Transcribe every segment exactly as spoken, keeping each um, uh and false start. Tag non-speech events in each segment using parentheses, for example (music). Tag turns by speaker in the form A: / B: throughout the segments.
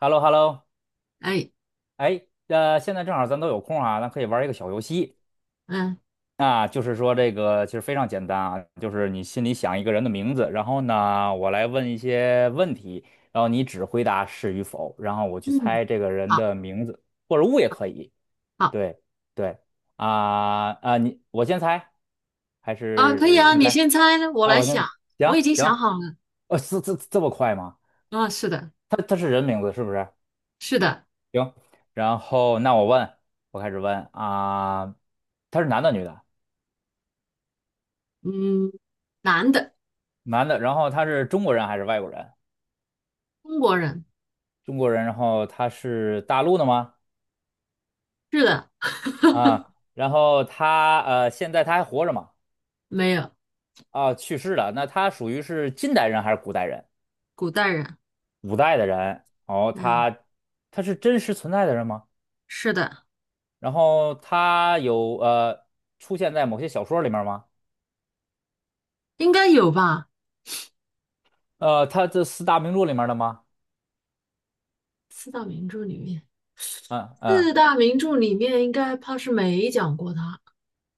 A: h e l l o h e l l o
B: 哎，
A: 哎，呃，现在正好咱都有空啊，咱可以玩一个小游戏
B: 嗯
A: 啊，就是说这个其实非常简单啊，就是你心里想一个人的名字，然后呢，我来问一些问题，然后你只回答是与否，然后我去
B: 嗯，
A: 猜这个人
B: 好，
A: 的名字或者物也可以。
B: 好
A: 对对啊啊，你我先猜，还
B: 啊，可
A: 是
B: 以
A: 你
B: 啊，
A: 先
B: 你
A: 猜？
B: 先猜，我
A: 啊，
B: 来
A: 我
B: 想，
A: 先
B: 我
A: 行
B: 已经
A: 行，
B: 想好了。
A: 呃、是这这么快吗？
B: 啊，是的，
A: 他他是人名字是不是？
B: 是的，
A: 行，然后那我问，我开始问啊，他是男的女的？
B: 嗯，男的，
A: 男的，然后他是中国人还是外国人？
B: 中国人，
A: 中国人，然后他是大陆的吗？
B: 是的，
A: 啊，
B: (laughs)
A: 然后他呃，现在他还活着吗？
B: 没有，
A: 啊，去世了。那他属于是近代人还是古代人？
B: 古代人，
A: 古代的人。哦，
B: 嗯，
A: 他他是真实存在的人吗？
B: 是的，
A: 然后他有呃出现在某些小说里面吗？
B: 应该有吧？
A: 呃，他这四大名著里面的吗？
B: 四大名著里面，
A: 嗯
B: 四
A: 嗯。
B: 大名著里面应该怕是没讲过他。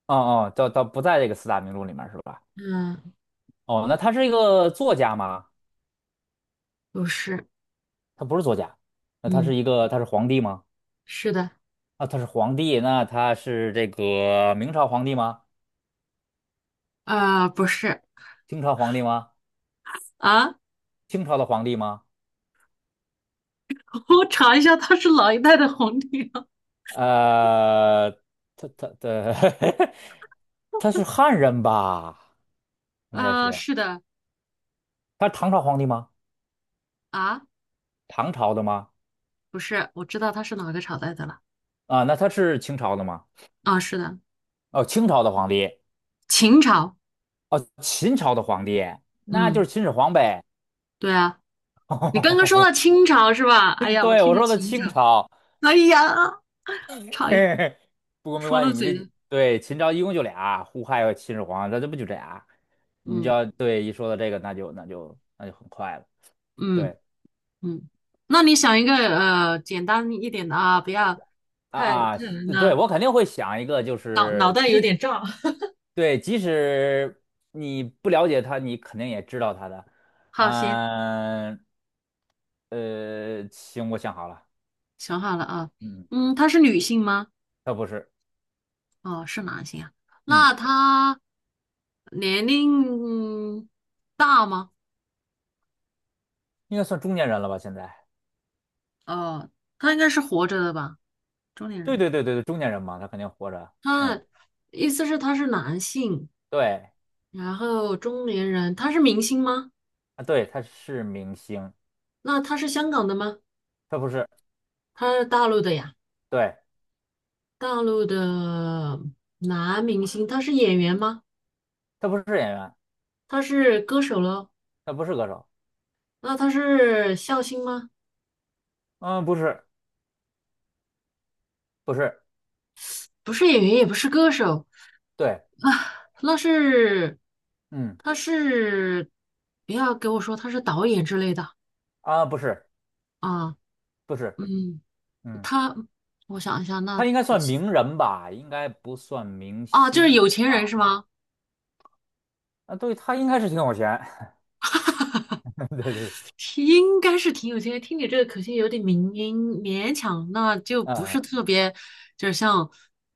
A: 哦哦，倒倒不在这个四大名著里面是吧？
B: 嗯，
A: 哦，那他是一个作家吗？
B: 不是，
A: 他不是作家，那他是
B: 嗯，
A: 一个，他是皇帝吗？
B: 是的，
A: 啊，他是皇帝，那他是这个明朝皇帝吗？
B: 啊、不是
A: 清朝皇帝吗？
B: 啊，
A: 清朝的皇帝吗？
B: (laughs) 我查一下，他是哪一代的皇帝啊？
A: 呃，他他的 (laughs) 他是汉人吧？应该是，
B: 啊、是的，
A: 他是唐朝皇帝吗？
B: 啊。
A: 唐朝的吗？
B: 不是，我知道他是哪个朝代的了。
A: 啊，那他是清朝的吗？
B: 啊，是的，
A: 哦，清朝的皇帝，
B: 秦朝。
A: 哦，秦朝的皇帝，那就
B: 嗯，
A: 是秦始皇呗。
B: 对啊，你刚刚说
A: (laughs)
B: 到清朝是吧？哎呀，我
A: 对，
B: 听
A: 我
B: 着
A: 说的
B: 秦朝，
A: 清朝。
B: 哎呀，
A: (laughs)
B: 差一
A: 嘿嘿，不过没
B: 说
A: 关系，
B: 漏
A: 你
B: 嘴
A: 这
B: 了。
A: 对秦朝一共就俩，胡亥和秦始皇，那这不就这俩？你只
B: 嗯
A: 要对一说到这个，那就那就那就很快了。
B: 嗯
A: 对
B: 嗯，那你想一个呃简单一点的啊，不要
A: 啊
B: 太太
A: 啊，
B: 难
A: 呃对
B: 了，
A: 我肯定会想一个，就
B: 脑脑
A: 是
B: 袋有
A: 即
B: 点胀。(laughs)
A: 对，即使你不了解他，你肯定也知道他的。
B: 好，行，
A: 嗯呃，行，我想好了，
B: 想好了啊。
A: 嗯，
B: 嗯，她是女性吗？
A: 他不是，
B: 哦，是男性啊。
A: 嗯，
B: 那她年龄大吗？
A: 应该算中年人了吧？现在，
B: 哦，她应该是活着的吧？中年
A: 对
B: 人，
A: 对对对对，中年人嘛，他肯定活着。嗯，
B: 他意思是他是男性，
A: 对
B: 然后中年人，他是明星吗？
A: 啊，对，他是明星。
B: 那他是香港的吗？
A: 他不是，
B: 他是大陆的呀，
A: 对，
B: 大陆的男明星，他是演员吗？
A: 他不是演员，
B: 他是歌手喽？
A: 他不是歌手，
B: 那他是笑星吗？
A: 嗯，不是，不是，
B: 不是演员，也不是歌手
A: 对，
B: 啊，那是
A: 嗯，
B: 他是不要给我说他是导演之类的
A: 啊，不是，
B: 啊，
A: 不是，
B: 嗯，
A: 嗯，
B: 他我想一下，那
A: 他应该算名人吧，应该不算明
B: 啊就是
A: 星
B: 有钱人
A: 吧？
B: 是吗？
A: 啊，对，他应该是挺有钱，(laughs) 对对对，
B: 挺应该是挺有经验。听你这个口音有点民音，勉强，那就不
A: 嗯，
B: 是特别，就是像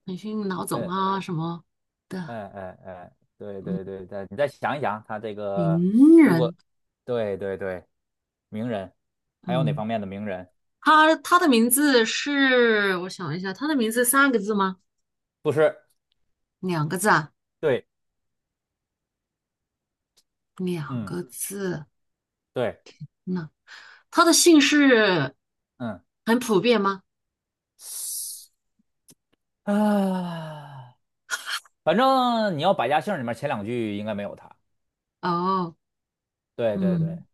B: 腾讯老
A: 呃
B: 总
A: 呃
B: 啊什么的
A: 呃呃呃，对对对对，你再想一想，他这个
B: 名
A: 如果，
B: 人。
A: 对对对，名人，还有哪
B: 嗯，
A: 方面的名人？
B: 他他的名字是，我想一下，他的名字三个字吗？
A: 不是，
B: 两个字啊，
A: 对，
B: 两
A: 嗯，
B: 个字。
A: 对，
B: 那他的姓氏
A: 嗯，
B: 很普遍吗？
A: (sighs) 啊。反正你要百家姓里面前两句应该没有他。
B: 哦，
A: 对对对
B: 嗯，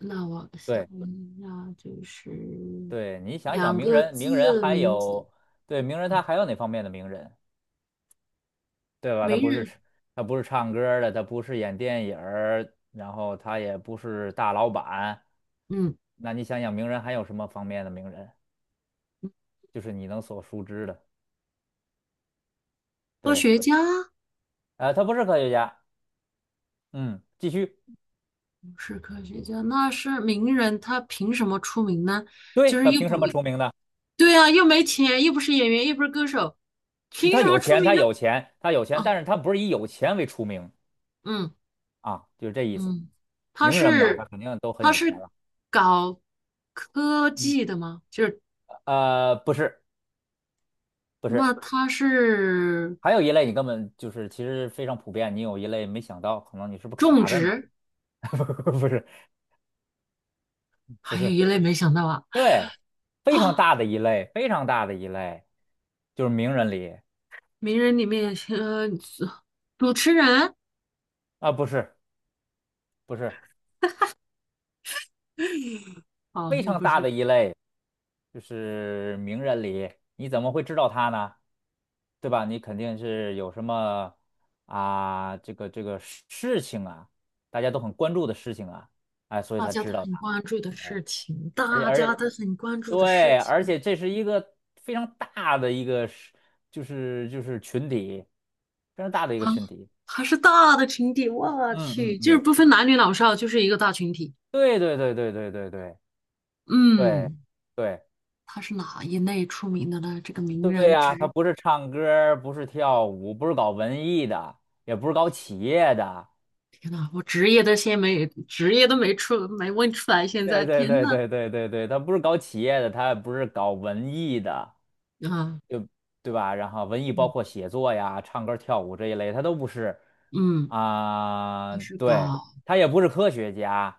B: 那我想
A: 对
B: 问一下，就是
A: 对，你想想
B: 两
A: 名
B: 个
A: 人，名人
B: 字
A: 还
B: 名字
A: 有对名人，他
B: 啊，
A: 还有哪方面的名人，对吧？他
B: 没
A: 不是
B: 人。
A: 吃他不是唱歌儿的，他不是演电影儿，然后他也不是大老板。
B: 嗯，
A: 那你想想名人还有什么方面的名人，就是你能所熟知的？
B: 科
A: 对，
B: 学家
A: 呃，他不是科学家。嗯，继续。
B: 不是科学家，那是名人，他凭什么出名呢？就
A: 对，
B: 是
A: 他
B: 又
A: 凭什
B: 不，
A: 么出名呢？
B: 对啊，又没钱，又不是演员，又不是歌手，凭
A: 他
B: 什么
A: 有
B: 出
A: 钱，
B: 名
A: 他
B: 呢？
A: 有钱，他有钱，
B: 啊，
A: 但是他不是以有钱为出名
B: 嗯
A: 啊，就是这意思。
B: 嗯，他
A: 名人吧，他
B: 是
A: 肯定都很
B: 他
A: 有钱
B: 是
A: 了。
B: 搞科
A: 嗯，
B: 技的吗？就是
A: 呃，不是，不是，
B: 那他是
A: 还有一类你根本就是其实非常普遍，你有一类没想到，可能你是不是
B: 种
A: 卡在哪儿？
B: 植，
A: (laughs) 不是，不
B: 还有
A: 是，
B: 一类没想到啊
A: 对，非常
B: 啊，
A: 大的一类，非常大的一类，就是名人里
B: (gasps) 名人里面呃，主持人
A: 啊，不是，不是，
B: 哦，
A: 非
B: 又
A: 常
B: 不
A: 大
B: 是。
A: 的一类，就是名人里，你怎么会知道他呢？对吧？你肯定是有什么啊，这个这个事情啊，大家都很关注的事情啊，哎，所以
B: 大
A: 才
B: 家都
A: 知道
B: 很
A: 他。
B: 关注的
A: 哎，
B: 事情，
A: 而且
B: 大
A: 而
B: 家
A: 且
B: 都很关注的事
A: 对，而
B: 情
A: 且这是一个非常大的一个是，就是就是群体，非常大的一个
B: 啊，
A: 群体。
B: 还是大的群体，我
A: 嗯嗯
B: 去，就是
A: 嗯，
B: 不分男女老少，就是一个大群体。
A: 对对对对对对对对
B: 嗯，
A: 对。
B: 他是哪一类出名的呢？这个名
A: 对
B: 人
A: 呀，他
B: 职，
A: 不是唱歌儿不是跳舞，不是搞文艺的，也不是搞企业的。
B: 天呐，我职业都先没，职业都没出，没问出来，现在
A: 对对
B: 天
A: 对
B: 呐，
A: 对对对对，他不是搞企业的，他也不是搞文艺的，
B: 啊，
A: 对吧？然后文艺包
B: 嗯
A: 括写作呀、唱歌跳舞这一类，他都不是
B: 嗯，
A: 啊、
B: 他是
A: 对，
B: 搞，
A: 他也不是科学家。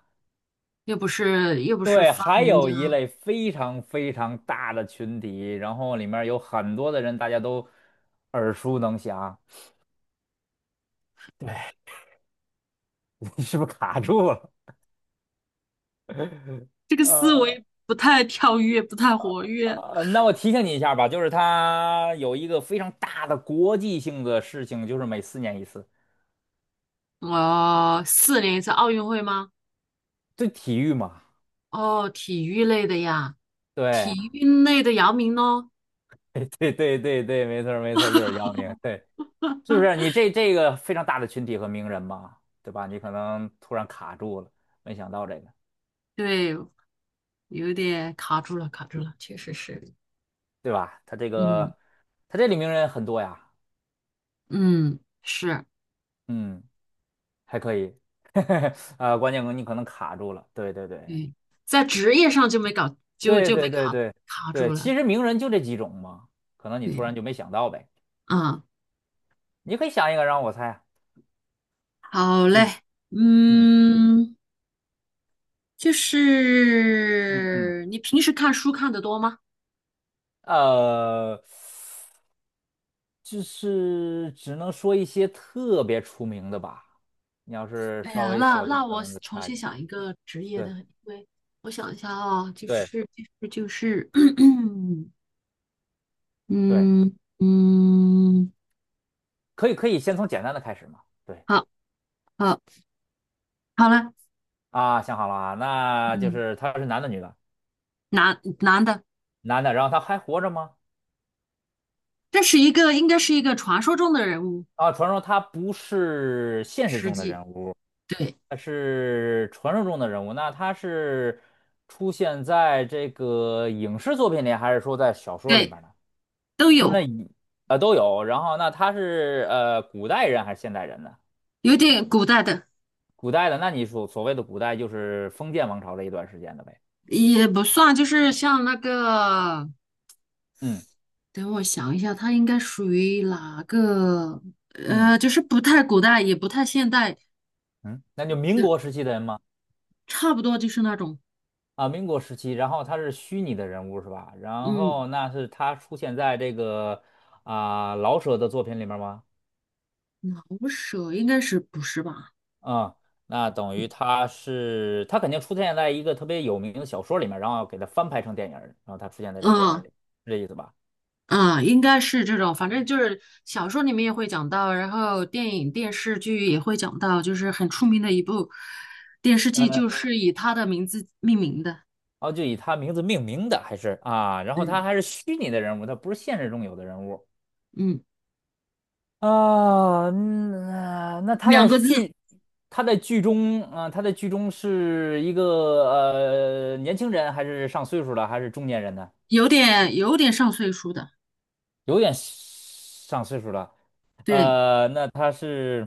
B: 又不是又不是
A: 对，
B: 发
A: 还
B: 明家，
A: 有一类非常非常大的群体，然后里面有很多的人，大家都耳熟能详。(laughs) 你是不是卡住了？(laughs)
B: 这个
A: 呃。
B: 思维不太跳跃，不太活跃。
A: 呃，那我提醒你一下吧，就是它有一个非常大的国际性的事情，就是每四年一次，
B: 我、四年一次奥运会吗？
A: 对体育嘛，
B: 哦，体育类的呀，
A: 对啊，
B: 体育类的姚明咯，
A: (laughs) 对对对对，没错儿没错儿，就是姚明，对，是不是？你这这个非常大的群体和名人嘛，对吧？你可能突然卡住了，没想到这个，
B: 对，有点卡住了，卡住了，确实是，
A: 对吧？他这
B: 嗯
A: 个他这里名人很多呀，
B: 嗯，是，
A: 嗯，还可以，(laughs) 啊，关键你可能卡住了，对对对
B: 对，在职业上就没搞，就
A: 对
B: 就被
A: 对对
B: 卡
A: 对
B: 卡住
A: 对，
B: 了，
A: 其实名人就这几种嘛，可能你突
B: 对，
A: 然就没想到呗。
B: 啊，
A: 你可以想一个让我猜啊。
B: 好嘞，
A: 嗯嗯
B: 嗯，就
A: 嗯嗯，
B: 是你平时看书看得多吗？
A: 呃，就是只能说一些特别出名的吧。你要是
B: 哎
A: 稍
B: 呀，
A: 微
B: 那
A: 小众，
B: 那
A: 可
B: 我
A: 能就
B: 重
A: 差一
B: 新
A: 点。
B: 想一个职业
A: 对
B: 的，因为我想一下啊，就
A: 对
B: 是就是就是。(clears throat)
A: 对，
B: 嗯嗯，
A: 可以可以，先从简单的开始嘛。对
B: 好好好了，
A: 啊，想好了啊，那就
B: 嗯，
A: 是他是男的女的？
B: 男男的，
A: 男的，然后他还活着吗？
B: 这是一个应该是一个传说中的人物，
A: 啊，传说他不是现实
B: 实
A: 中的
B: 际
A: 人物，
B: 对
A: 他是传说中的人物。那他是出现在这个影视作品里，还是说在小说里
B: 对
A: 面呢？
B: 都
A: 就是那
B: 有，
A: 一呃都有。然后那他是呃古代人还是现代人呢？
B: 有点古代的
A: 古代的，那你所所谓的古代就是封建王朝的一段时间的呗。
B: 也不算，就是像那个，
A: 嗯
B: 等我想一下，他应该属于哪个？
A: 嗯
B: 呃，就是不太古代，也不太现代
A: 嗯，那就民
B: 的，
A: 国时期的人吗？
B: 差不多就是那种，
A: 啊，民国时期，然后他是虚拟的人物是吧？然
B: 嗯，
A: 后那是他出现在这个啊、老舍的作品里面吗？
B: 老舍应该是不是吧？
A: 嗯，那等于他是他肯定出现在一个特别有名的小说里面，然后给他翻拍成电影儿然后他出现在这个电影
B: 嗯，
A: 里，是这意思吧？
B: 啊，应该是这种，反正就是小说里面也会讲到，然后电影、电视剧也会讲到，就是很出名的一部电视剧，
A: 嗯，
B: 就是以他的名字命名的。
A: 哦，就以他名字命名的还是啊？然后他
B: 对，
A: 还是虚拟的人物，他不是现实中有的人物。
B: 嗯，
A: 啊，那那他
B: 两
A: 在
B: 个字，
A: 剧，他在剧中啊，他在剧中是一个呃年轻人，还是上岁数了，还是中年人呢？
B: 有点有点上岁数的。
A: 有点上岁数了。
B: 对，
A: 呃，那他是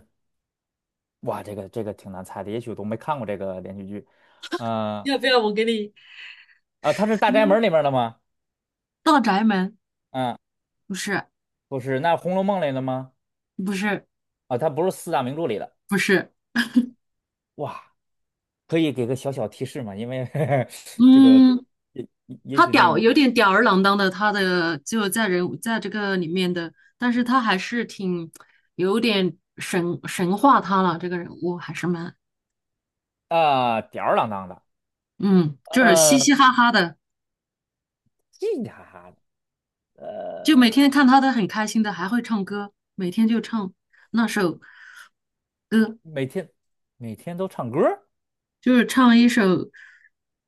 A: 哇，这个这个挺难猜的，也许我都没看过这个连续剧。呃
B: 要不要我给你？
A: 啊，他是《大宅门》
B: 嗯，
A: 里面的吗？
B: 大宅门
A: 嗯，
B: 不是，
A: 不是，那《红楼梦》里的吗？
B: 不是，
A: 啊，他不是四大名著里的。
B: 不是，
A: 哇，可以给个小小提示吗？因为 (laughs) 这个
B: 嗯，
A: 也也
B: 他
A: 许那
B: 吊
A: 个。
B: 有点吊儿郎当的，他的就在人物在这个里面的，但是他还是挺有点神神化他了，这个人物还是蛮
A: 啊，吊儿郎当的，
B: 嗯，就是嘻
A: 呃，
B: 嘻哈哈的，
A: 嘻嘻哈哈的，
B: 就
A: 呃，
B: 每天看他的很开心的，还会唱歌，每天就唱那首歌，
A: 每天每天都唱歌儿。
B: 就是唱一首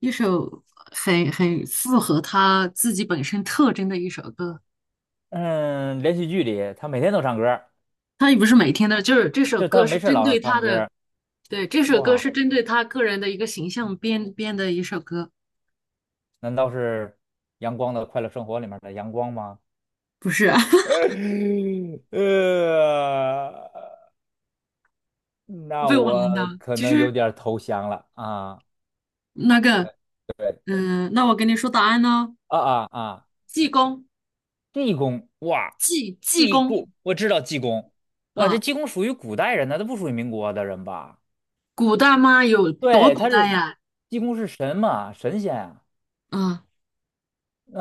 B: 一首很很符合他自己本身特征的一首歌。
A: 嗯，连续剧里他每天都唱歌儿，
B: 他也不是每天的，就是这首
A: 就他
B: 歌是
A: 没事儿
B: 针
A: 老
B: 对他
A: 唱歌
B: 的，
A: 儿。
B: 对，这首歌
A: 哇，
B: 是针对他个人的一个形象编编的一首歌，
A: 难道是阳光的快乐生活里面的阳光吗？
B: 不是 (laughs)，
A: (laughs) 呃，那
B: 被我
A: 我
B: 难倒。
A: 可
B: 其
A: 能有
B: 实
A: 点儿投降了啊，
B: 那个，
A: 对对
B: 嗯、那我跟你说答案呢，
A: 啊啊啊！
B: 济公，
A: 济公，哇，
B: 济济
A: 济
B: 公
A: 公，我知道济公，哇，这
B: 啊，
A: 济公属于古代人呢，他不属于民国的人吧？
B: 古代吗？有多
A: 对，
B: 古
A: 他
B: 代
A: 是
B: 呀？
A: 济公是神嘛，神仙啊，
B: 啊，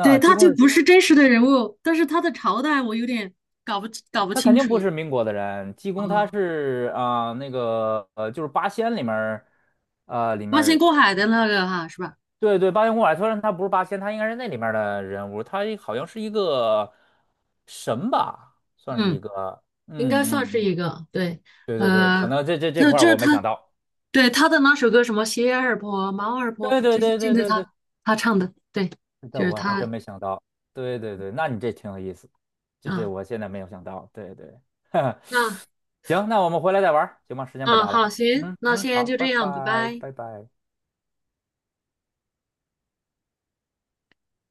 B: 对，
A: 济
B: 他
A: 公
B: 就
A: 是
B: 不是真实的人物，但是他的朝代我有点搞不搞不
A: 他肯
B: 清
A: 定
B: 楚。
A: 不是民国的人，济公他
B: 哦，
A: 是啊、那个呃就是八仙里面儿，呃里面
B: 八仙
A: 儿
B: 过海的那个哈，是吧？
A: 对对八仙过海，虽然他不是八仙，他应该是那里面儿的人物，他好像是一个神吧，算是
B: 嗯，
A: 一个，
B: 应
A: 嗯
B: 该算
A: 嗯
B: 是
A: 嗯，
B: 一个，对，
A: 对对对，可
B: 呃，
A: 能这这这
B: 就
A: 块儿
B: 就是
A: 我没
B: 他
A: 想到。
B: 对，他的那首歌什么《鞋儿破，猫儿破，
A: 对对
B: 就是
A: 对
B: 真
A: 对
B: 的
A: 对对
B: 他他唱的，对，
A: 这
B: 就是
A: 我还真
B: 他，
A: 没想到。对对对，那你这挺有意思，这这
B: 啊，
A: 我现在没有想到。对对，
B: 啊，
A: (laughs) 行，那我们回来再玩儿行吗？时间不
B: 啊，
A: 早
B: 好，
A: 了。
B: 行，
A: 嗯
B: 那
A: 嗯，
B: 先
A: 好，
B: 就
A: 拜
B: 这样，拜
A: 拜，
B: 拜。
A: 拜拜。